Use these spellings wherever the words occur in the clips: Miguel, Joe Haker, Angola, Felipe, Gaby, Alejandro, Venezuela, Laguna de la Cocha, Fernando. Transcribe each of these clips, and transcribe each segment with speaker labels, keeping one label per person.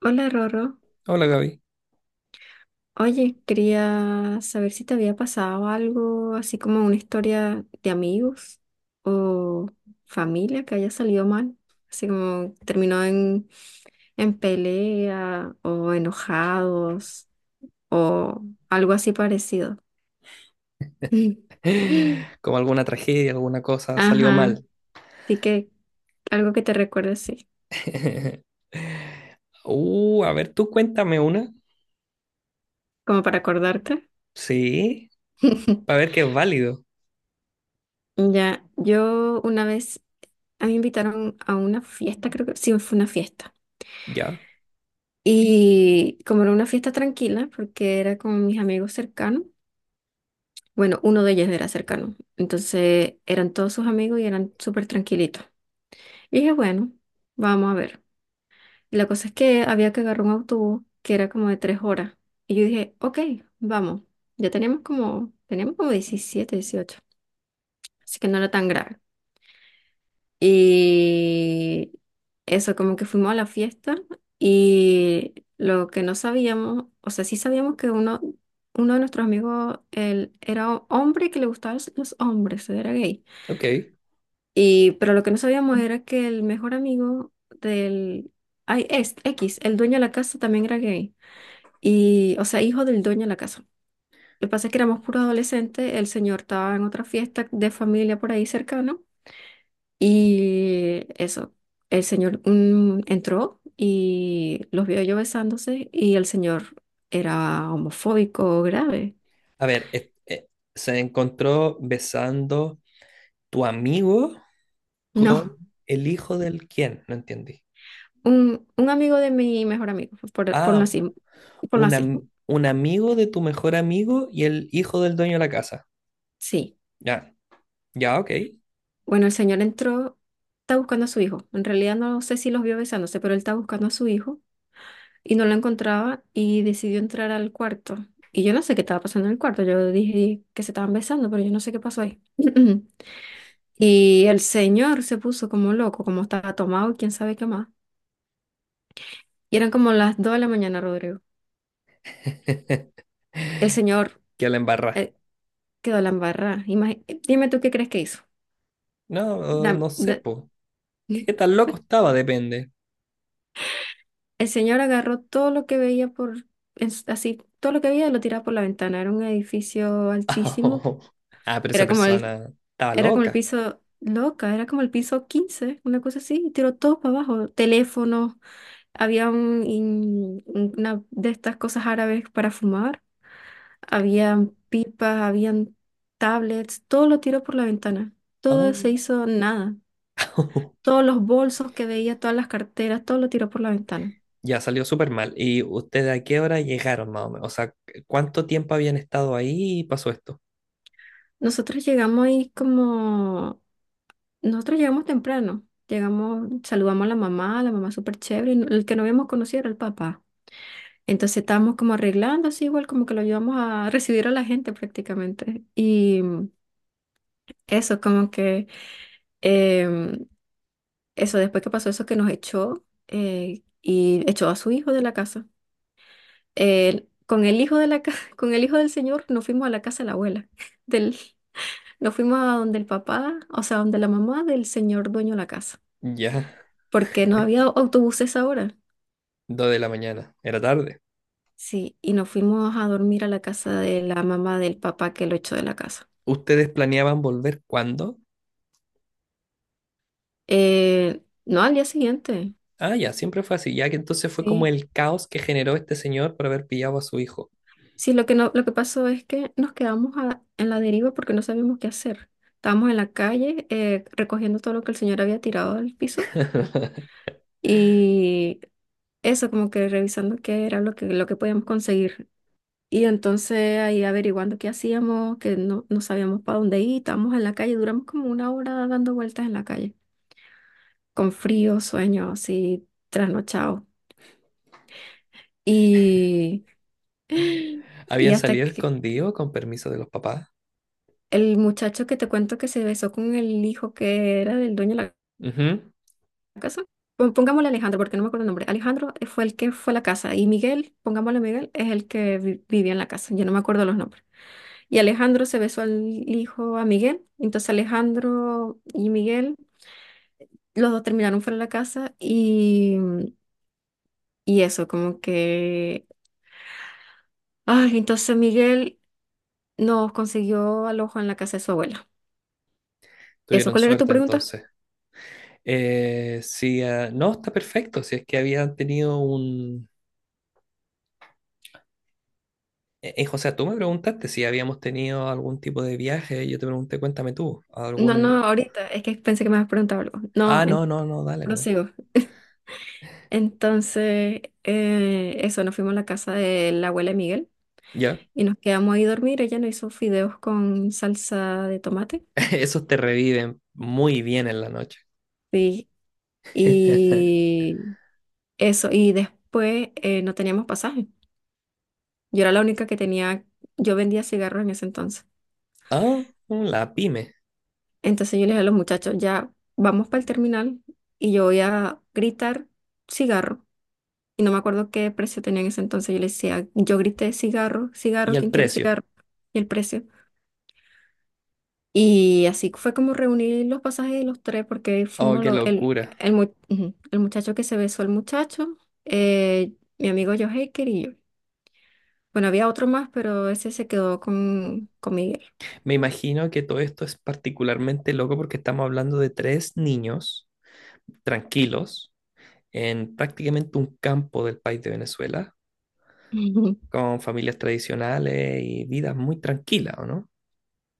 Speaker 1: Hola Rorro,
Speaker 2: Hola Gaby.
Speaker 1: oye, quería saber si te había pasado algo así como una historia de amigos o familia que haya salido mal, así como terminó en pelea o enojados o algo así parecido.
Speaker 2: Como alguna tragedia, alguna cosa salió
Speaker 1: Ajá,
Speaker 2: mal.
Speaker 1: así que algo que te recuerde así,
Speaker 2: A ver, tú cuéntame una.
Speaker 1: como para acordarte.
Speaker 2: Sí, para ver que es válido.
Speaker 1: Ya, yo una vez, a mí me invitaron a una fiesta, creo que sí, fue una fiesta.
Speaker 2: Ya,
Speaker 1: Y como era una fiesta tranquila, porque era con mis amigos cercanos, bueno, uno de ellos era cercano, entonces eran todos sus amigos y eran súper tranquilitos. Y dije, bueno, vamos a ver. Y la cosa es que había que agarrar un autobús que era como de 3 horas. Y yo dije, ok, vamos. Ya teníamos como 17 18, así que no era tan grave. Y eso, como que fuimos a la fiesta y lo que no sabíamos, o sea, sí sabíamos que uno de nuestros amigos, él era hombre y que le gustaban los hombres, era gay.
Speaker 2: ok.
Speaker 1: Y, pero lo que no sabíamos era que el mejor amigo del ay, es, X, el dueño de la casa, también era gay. Y, o sea, hijo del dueño de la casa. Lo que pasa es que éramos puros adolescentes, el señor estaba en otra fiesta de familia por ahí cercano. Y eso, el señor entró y los vio yo besándose y el señor era homofóbico grave.
Speaker 2: A ver, se encontró besando tu amigo con
Speaker 1: No,
Speaker 2: el hijo del quién, no entendí.
Speaker 1: un amigo de mi mejor amigo, por, por
Speaker 2: Ah,
Speaker 1: así, por
Speaker 2: un,
Speaker 1: así,
Speaker 2: am- un amigo de tu mejor amigo y el hijo del dueño de la casa.
Speaker 1: sí.
Speaker 2: Ya, ya, ok.
Speaker 1: Bueno, el señor entró, está buscando a su hijo. En realidad no sé si los vio besándose, pero él está buscando a su hijo y no lo encontraba y decidió entrar al cuarto. Y yo no sé qué estaba pasando en el cuarto. Yo dije que se estaban besando, pero yo no sé qué pasó ahí. Y el señor se puso como loco, como estaba tomado y quién sabe qué más. Y eran como las 2 de la mañana, Rodrigo. El señor
Speaker 2: Que la embarra.
Speaker 1: eh, quedó la embarrada. Dime tú qué crees que hizo.
Speaker 2: No,
Speaker 1: Dam-
Speaker 2: no sé,
Speaker 1: da-
Speaker 2: po. ¿Qué tan loco estaba? Depende.
Speaker 1: el señor agarró todo lo que veía así, todo lo que veía lo tiraba por la ventana. Era un edificio altísimo.
Speaker 2: Oh. Ah, pero esa
Speaker 1: Era como el,
Speaker 2: persona estaba
Speaker 1: era como el
Speaker 2: loca.
Speaker 1: piso loca, era como el piso 15 una cosa así. Y tiró todo para abajo. Teléfonos, había una de estas cosas árabes para fumar. Habían pipas, habían tablets, todo lo tiró por la ventana. Todo se
Speaker 2: Oh.
Speaker 1: hizo nada. Todos los bolsos que veía, todas las carteras, todo lo tiró por la ventana.
Speaker 2: Ya salió súper mal. ¿Y ustedes a qué hora llegaron más o menos? O sea, ¿cuánto tiempo habían estado ahí y pasó esto?
Speaker 1: Nosotros llegamos ahí como... Nosotros llegamos temprano. Llegamos, saludamos a la mamá súper chévere. Y no, el que no habíamos conocido era el papá. Entonces estábamos como arreglando así, igual como que lo ayudamos a recibir a la gente prácticamente. Eso, como que... em, Eso, después que pasó eso que nos echó, y echó a su hijo de la casa. El con el hijo de la ca- Con el hijo del señor nos fuimos a la casa de la abuela. Del, nos fuimos a donde el papá, o sea, donde la mamá del señor dueño de la casa,
Speaker 2: Ya,
Speaker 1: porque no había autobuses ahora.
Speaker 2: dos de la mañana. Era tarde.
Speaker 1: Sí, y nos fuimos a dormir a la casa de la mamá del papá que lo echó de la casa.
Speaker 2: ¿Ustedes planeaban volver cuándo?
Speaker 1: No, al día siguiente.
Speaker 2: Ah, ya, siempre fue así. Ya que entonces fue como
Speaker 1: Sí.
Speaker 2: el caos que generó este señor por haber pillado a su hijo.
Speaker 1: Sí, lo que no, lo que pasó es que nos quedamos en la deriva porque no sabíamos qué hacer. Estábamos en la calle recogiendo todo lo que el señor había tirado del piso y eso, como que revisando qué era lo que podíamos conseguir. Y entonces ahí averiguando qué hacíamos, que no, no sabíamos para dónde ir, estábamos en la calle, duramos como 1 hora dando vueltas en la calle, con frío, sueño, así, trasnochado. Y, y
Speaker 2: ¿Habían
Speaker 1: hasta
Speaker 2: salido escondidos con permiso de los papás?
Speaker 1: el muchacho que te cuento que se besó con el hijo que era del dueño de la
Speaker 2: Ujú.
Speaker 1: casa. Pongámosle Alejandro, porque no me acuerdo el nombre. Alejandro fue el que fue a la casa y Miguel, pongámosle Miguel, es el que vivía en la casa. Yo no me acuerdo los nombres. Y Alejandro se besó al hijo a Miguel. Entonces Alejandro y Miguel, los dos terminaron fuera de la casa y eso, como que... Ay, entonces Miguel nos consiguió alojo en la casa de su abuela. ¿Eso
Speaker 2: Tuvieron
Speaker 1: cuál era tu
Speaker 2: suerte
Speaker 1: pregunta?
Speaker 2: entonces. Sí, ah, no, está perfecto. Si es que habían tenido un. O sea, tú me preguntaste si habíamos tenido algún tipo de viaje. Yo te pregunté, cuéntame tú,
Speaker 1: No,
Speaker 2: algún.
Speaker 1: no, ahorita, es que pensé que me habías preguntado algo. No,
Speaker 2: Ah, no, no, no, dale, no.
Speaker 1: prosigo. Entonces, eso, nos fuimos a la casa de la abuela de Miguel
Speaker 2: Ya,
Speaker 1: y nos quedamos ahí a dormir. Ella nos hizo fideos con salsa de tomate.
Speaker 2: esos te reviven muy bien en la noche.
Speaker 1: Sí, y eso, y después no teníamos pasaje. Yo era la única que tenía, yo vendía cigarros en ese entonces.
Speaker 2: Ah, la pyme.
Speaker 1: Entonces yo les dije a los muchachos, ya vamos para el terminal y yo voy a gritar cigarro. Y no me acuerdo qué precio tenía en ese entonces. Yo les decía, yo grité cigarro, cigarro,
Speaker 2: Y
Speaker 1: ¿quién
Speaker 2: el
Speaker 1: quiere
Speaker 2: precio.
Speaker 1: cigarro? Y el precio. Y así fue como reunir los pasajes de los tres, porque
Speaker 2: Oh,
Speaker 1: fuimos
Speaker 2: qué
Speaker 1: los,
Speaker 2: locura.
Speaker 1: el, mu- ujú, el muchacho que se besó, el muchacho, eh, mi amigo Joe Haker y yo. Bueno, había otro más, pero ese se quedó con Miguel.
Speaker 2: Me imagino que todo esto es particularmente loco porque estamos hablando de tres niños tranquilos en prácticamente un campo del país de Venezuela
Speaker 1: Ujú.
Speaker 2: con familias tradicionales y vidas muy tranquilas, ¿o no?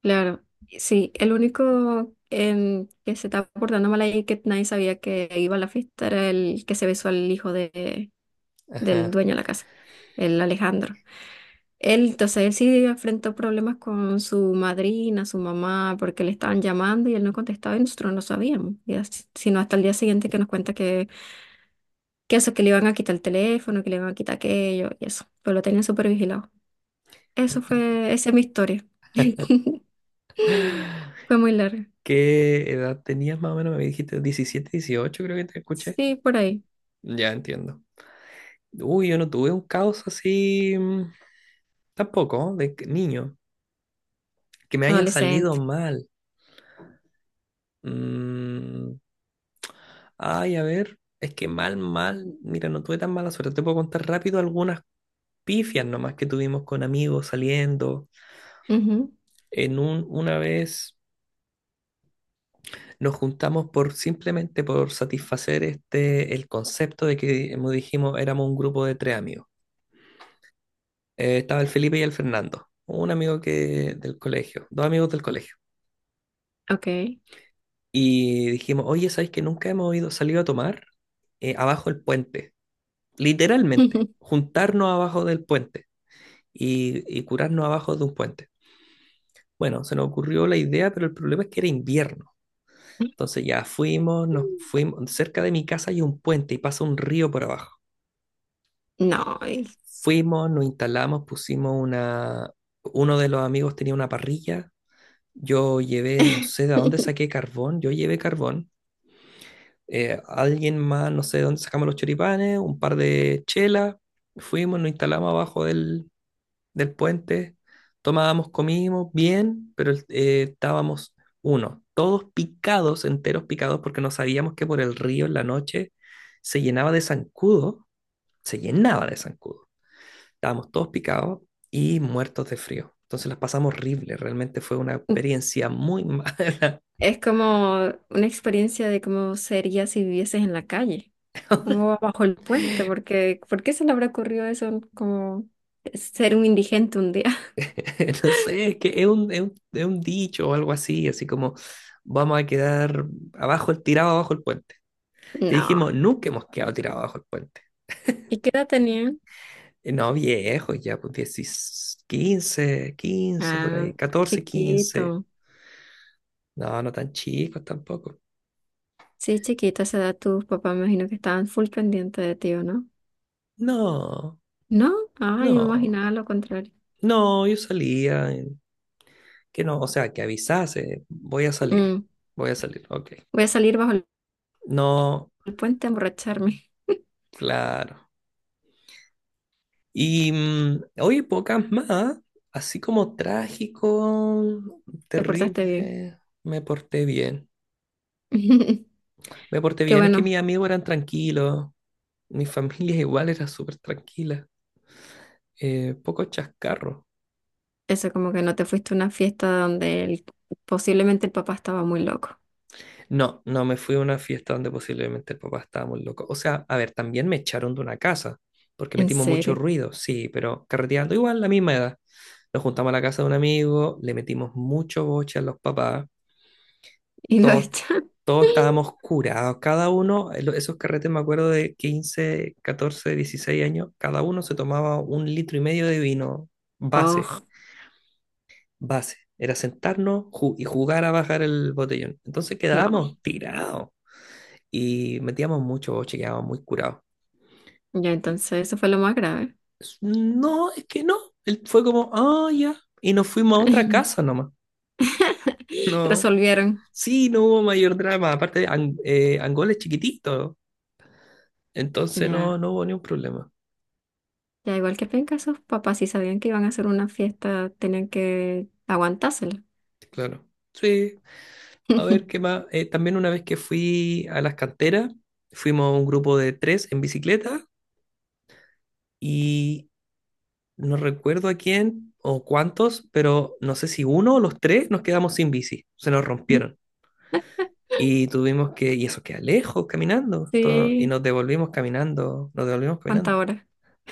Speaker 1: Claro, sí, el único que se estaba portando mal ahí que nadie sabía que iba a la fiesta era el que se besó al hijo de, del
Speaker 2: Ajá.
Speaker 1: dueño de la casa, el Alejandro. Entonces él sí enfrentó problemas con su madrina, su mamá, porque le estaban llamando y él no contestaba y nosotros no sabíamos. Y sino hasta el día siguiente que nos cuenta que le iban a quitar el teléfono, que le iban a quitar aquello y eso. Pero lo tenían súper vigilado. Eso fue, esa es mi historia. Fue muy larga.
Speaker 2: ¿Qué edad tenías más o menos? Me dijiste 17, 18, creo que te escuché.
Speaker 1: Sí, por ahí.
Speaker 2: Ya entiendo. Uy, yo no tuve un caos así tampoco, niño, que me haya salido
Speaker 1: Adolescente.
Speaker 2: mal. Mm, ay, a ver, es que mal, mal, mira, no tuve tan mala suerte. Te puedo contar rápido algunas pifias nomás que tuvimos con amigos saliendo.
Speaker 1: Ujú,
Speaker 2: Una vez nos juntamos por simplemente por satisfacer este el concepto de que, como dijimos, éramos un grupo de tres amigos. Estaba el Felipe y el Fernando, un amigo que del colegio, dos amigos del colegio.
Speaker 1: ok.
Speaker 2: Y dijimos, oye, ¿sabes que nunca hemos ido, salido a tomar abajo del puente? Literalmente, juntarnos abajo del puente y curarnos abajo de un puente. Bueno, se nos ocurrió la idea, pero el problema es que era invierno. Entonces ya fuimos, nos fuimos, cerca de mi casa hay un puente y pasa un río por abajo.
Speaker 1: No.
Speaker 2: Fuimos, nos instalamos, pusimos una. Uno de los amigos tenía una parrilla, yo llevé, no sé de dónde saqué carbón, yo llevé carbón, alguien más, no sé de dónde sacamos los choripanes, un par de chelas, fuimos, nos instalamos abajo del puente, tomábamos, comimos, bien, pero estábamos, uno, todos picados, enteros picados, porque no sabíamos que por el río en la noche se llenaba de zancudo, se llenaba de zancudo. Estábamos todos picados y muertos de frío. Entonces las pasamos horrible, realmente fue una experiencia muy mala.
Speaker 1: Es como una experiencia de cómo sería si vivieses en la calle o bajo el puente, porque ¿por qué se le habrá ocurrido eso como ser un indigente un día?
Speaker 2: No sé, es que es un dicho o algo así, así como vamos a quedar abajo, tirado abajo el puente. Y
Speaker 1: No.
Speaker 2: dijimos, nunca hemos quedado tirado abajo el puente.
Speaker 1: ¿Y qué edad tenían?
Speaker 2: Y no, viejos, ya pues 10 15 15 por
Speaker 1: Ah,
Speaker 2: ahí, 14 15.
Speaker 1: chiquito.
Speaker 2: No, no tan chicos tampoco.
Speaker 1: Sí, chiquito, a esa edad tus papás me imagino que estaban full pendientes de ti, ¿o no?
Speaker 2: No,
Speaker 1: No, yo me
Speaker 2: no,
Speaker 1: imaginaba lo contrario.
Speaker 2: no, yo salía, que no, o sea, que avisase,
Speaker 1: Mm,
Speaker 2: voy a salir, ok.
Speaker 1: Voy a salir bajo el
Speaker 2: No,
Speaker 1: puente a emborracharme.
Speaker 2: claro. Y oye, pocas más, así como trágico,
Speaker 1: Te portaste bien.
Speaker 2: terrible, me porté bien. Me porté
Speaker 1: Qué
Speaker 2: bien, es que
Speaker 1: bueno.
Speaker 2: mis amigos eran tranquilos, mi familia igual era súper tranquila, poco chascarro.
Speaker 1: Eso como que no te fuiste a una fiesta donde posiblemente el papá estaba muy loco.
Speaker 2: No, no me fui a una fiesta donde posiblemente el papá estaba muy loco. O sea, a ver, también me echaron de una casa, porque
Speaker 1: En
Speaker 2: metimos mucho
Speaker 1: serio.
Speaker 2: ruido, sí, pero carreteando igual la misma edad. Nos juntamos a la casa de un amigo, le metimos mucho boche a los papás,
Speaker 1: Y lo
Speaker 2: todos,
Speaker 1: echan.
Speaker 2: todos estábamos curados, cada uno, esos carretes me acuerdo de 15, 14, 16 años, cada uno se tomaba un litro y medio de vino base,
Speaker 1: Oh,
Speaker 2: base. Era sentarnos y jugar a bajar el botellón. Entonces
Speaker 1: no.
Speaker 2: quedábamos tirados y metíamos mucho, chequeábamos muy curados.
Speaker 1: Ya
Speaker 2: Y
Speaker 1: entonces eso fue lo más grave.
Speaker 2: no, es que no. Él fue como, ah, ya. Y nos fuimos a otra casa nomás. No.
Speaker 1: Resolvieron.
Speaker 2: Sí, no hubo mayor drama. Aparte, Angola es chiquitito. Entonces
Speaker 1: Ya.
Speaker 2: no hubo ni un problema.
Speaker 1: Ya igual que penca, esos papás si sabían que iban a hacer una fiesta, tenían que aguantársela.
Speaker 2: Claro. Sí. A ver, ¿qué más? También una vez que fui a las canteras, fuimos un grupo de tres en bicicleta y no recuerdo a quién o cuántos, pero no sé si uno o los tres nos quedamos sin bici. Se nos rompieron. Y tuvimos que, y eso queda lejos caminando, y
Speaker 1: Sí,
Speaker 2: nos devolvimos caminando, nos devolvimos
Speaker 1: cuánta
Speaker 2: caminando.
Speaker 1: hora.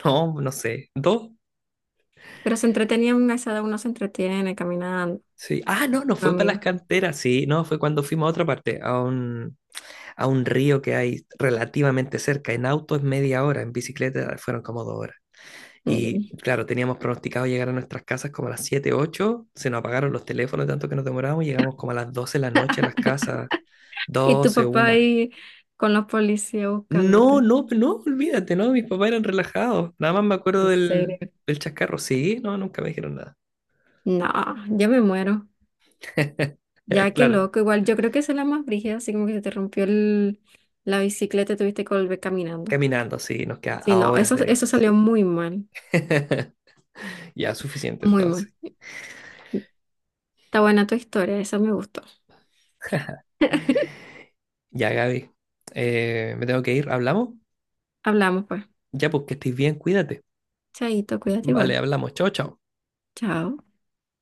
Speaker 2: No, no sé, dos.
Speaker 1: Pero se entretenían, a esa edad uno se entretiene caminando
Speaker 2: Sí. Ah, no, no
Speaker 1: con
Speaker 2: fue para las
Speaker 1: amigos.
Speaker 2: canteras, sí, no, fue cuando fuimos a otra parte, a un río que hay relativamente cerca. En auto es media hora, en bicicleta fueron como 2 horas. Y
Speaker 1: Mm.
Speaker 2: claro, teníamos pronosticado llegar a nuestras casas como a las 7 ocho, se nos apagaron los teléfonos tanto que nos demoramos, llegamos como a las 12 de la noche a las casas,
Speaker 1: Y tu
Speaker 2: doce
Speaker 1: papá
Speaker 2: una.
Speaker 1: ahí con los policías
Speaker 2: No,
Speaker 1: buscándote.
Speaker 2: no, no, olvídate, no, mis papás eran relajados. Nada más me
Speaker 1: En
Speaker 2: acuerdo
Speaker 1: serio.
Speaker 2: del chascarro. Sí, no, nunca me dijeron nada.
Speaker 1: No, ya me muero. Ya, qué
Speaker 2: Claro,
Speaker 1: loco. Igual yo creo que esa es la más brígida, así como que se te rompió la bicicleta y tuviste que volver caminando.
Speaker 2: caminando, sí, nos queda
Speaker 1: Sí,
Speaker 2: a
Speaker 1: no,
Speaker 2: horas
Speaker 1: eso,
Speaker 2: de
Speaker 1: eso
Speaker 2: distancia.
Speaker 1: salió muy mal,
Speaker 2: Ya, suficiente
Speaker 1: muy mal.
Speaker 2: entonces.
Speaker 1: Está buena tu historia, esa me gustó.
Speaker 2: Ya, Gaby, me tengo que ir. ¿Hablamos?
Speaker 1: Hablamos pues.
Speaker 2: Ya, pues que estés bien, cuídate.
Speaker 1: Chaito, cuídate
Speaker 2: Vale,
Speaker 1: igual.
Speaker 2: hablamos. Chao, chao.
Speaker 1: Chao.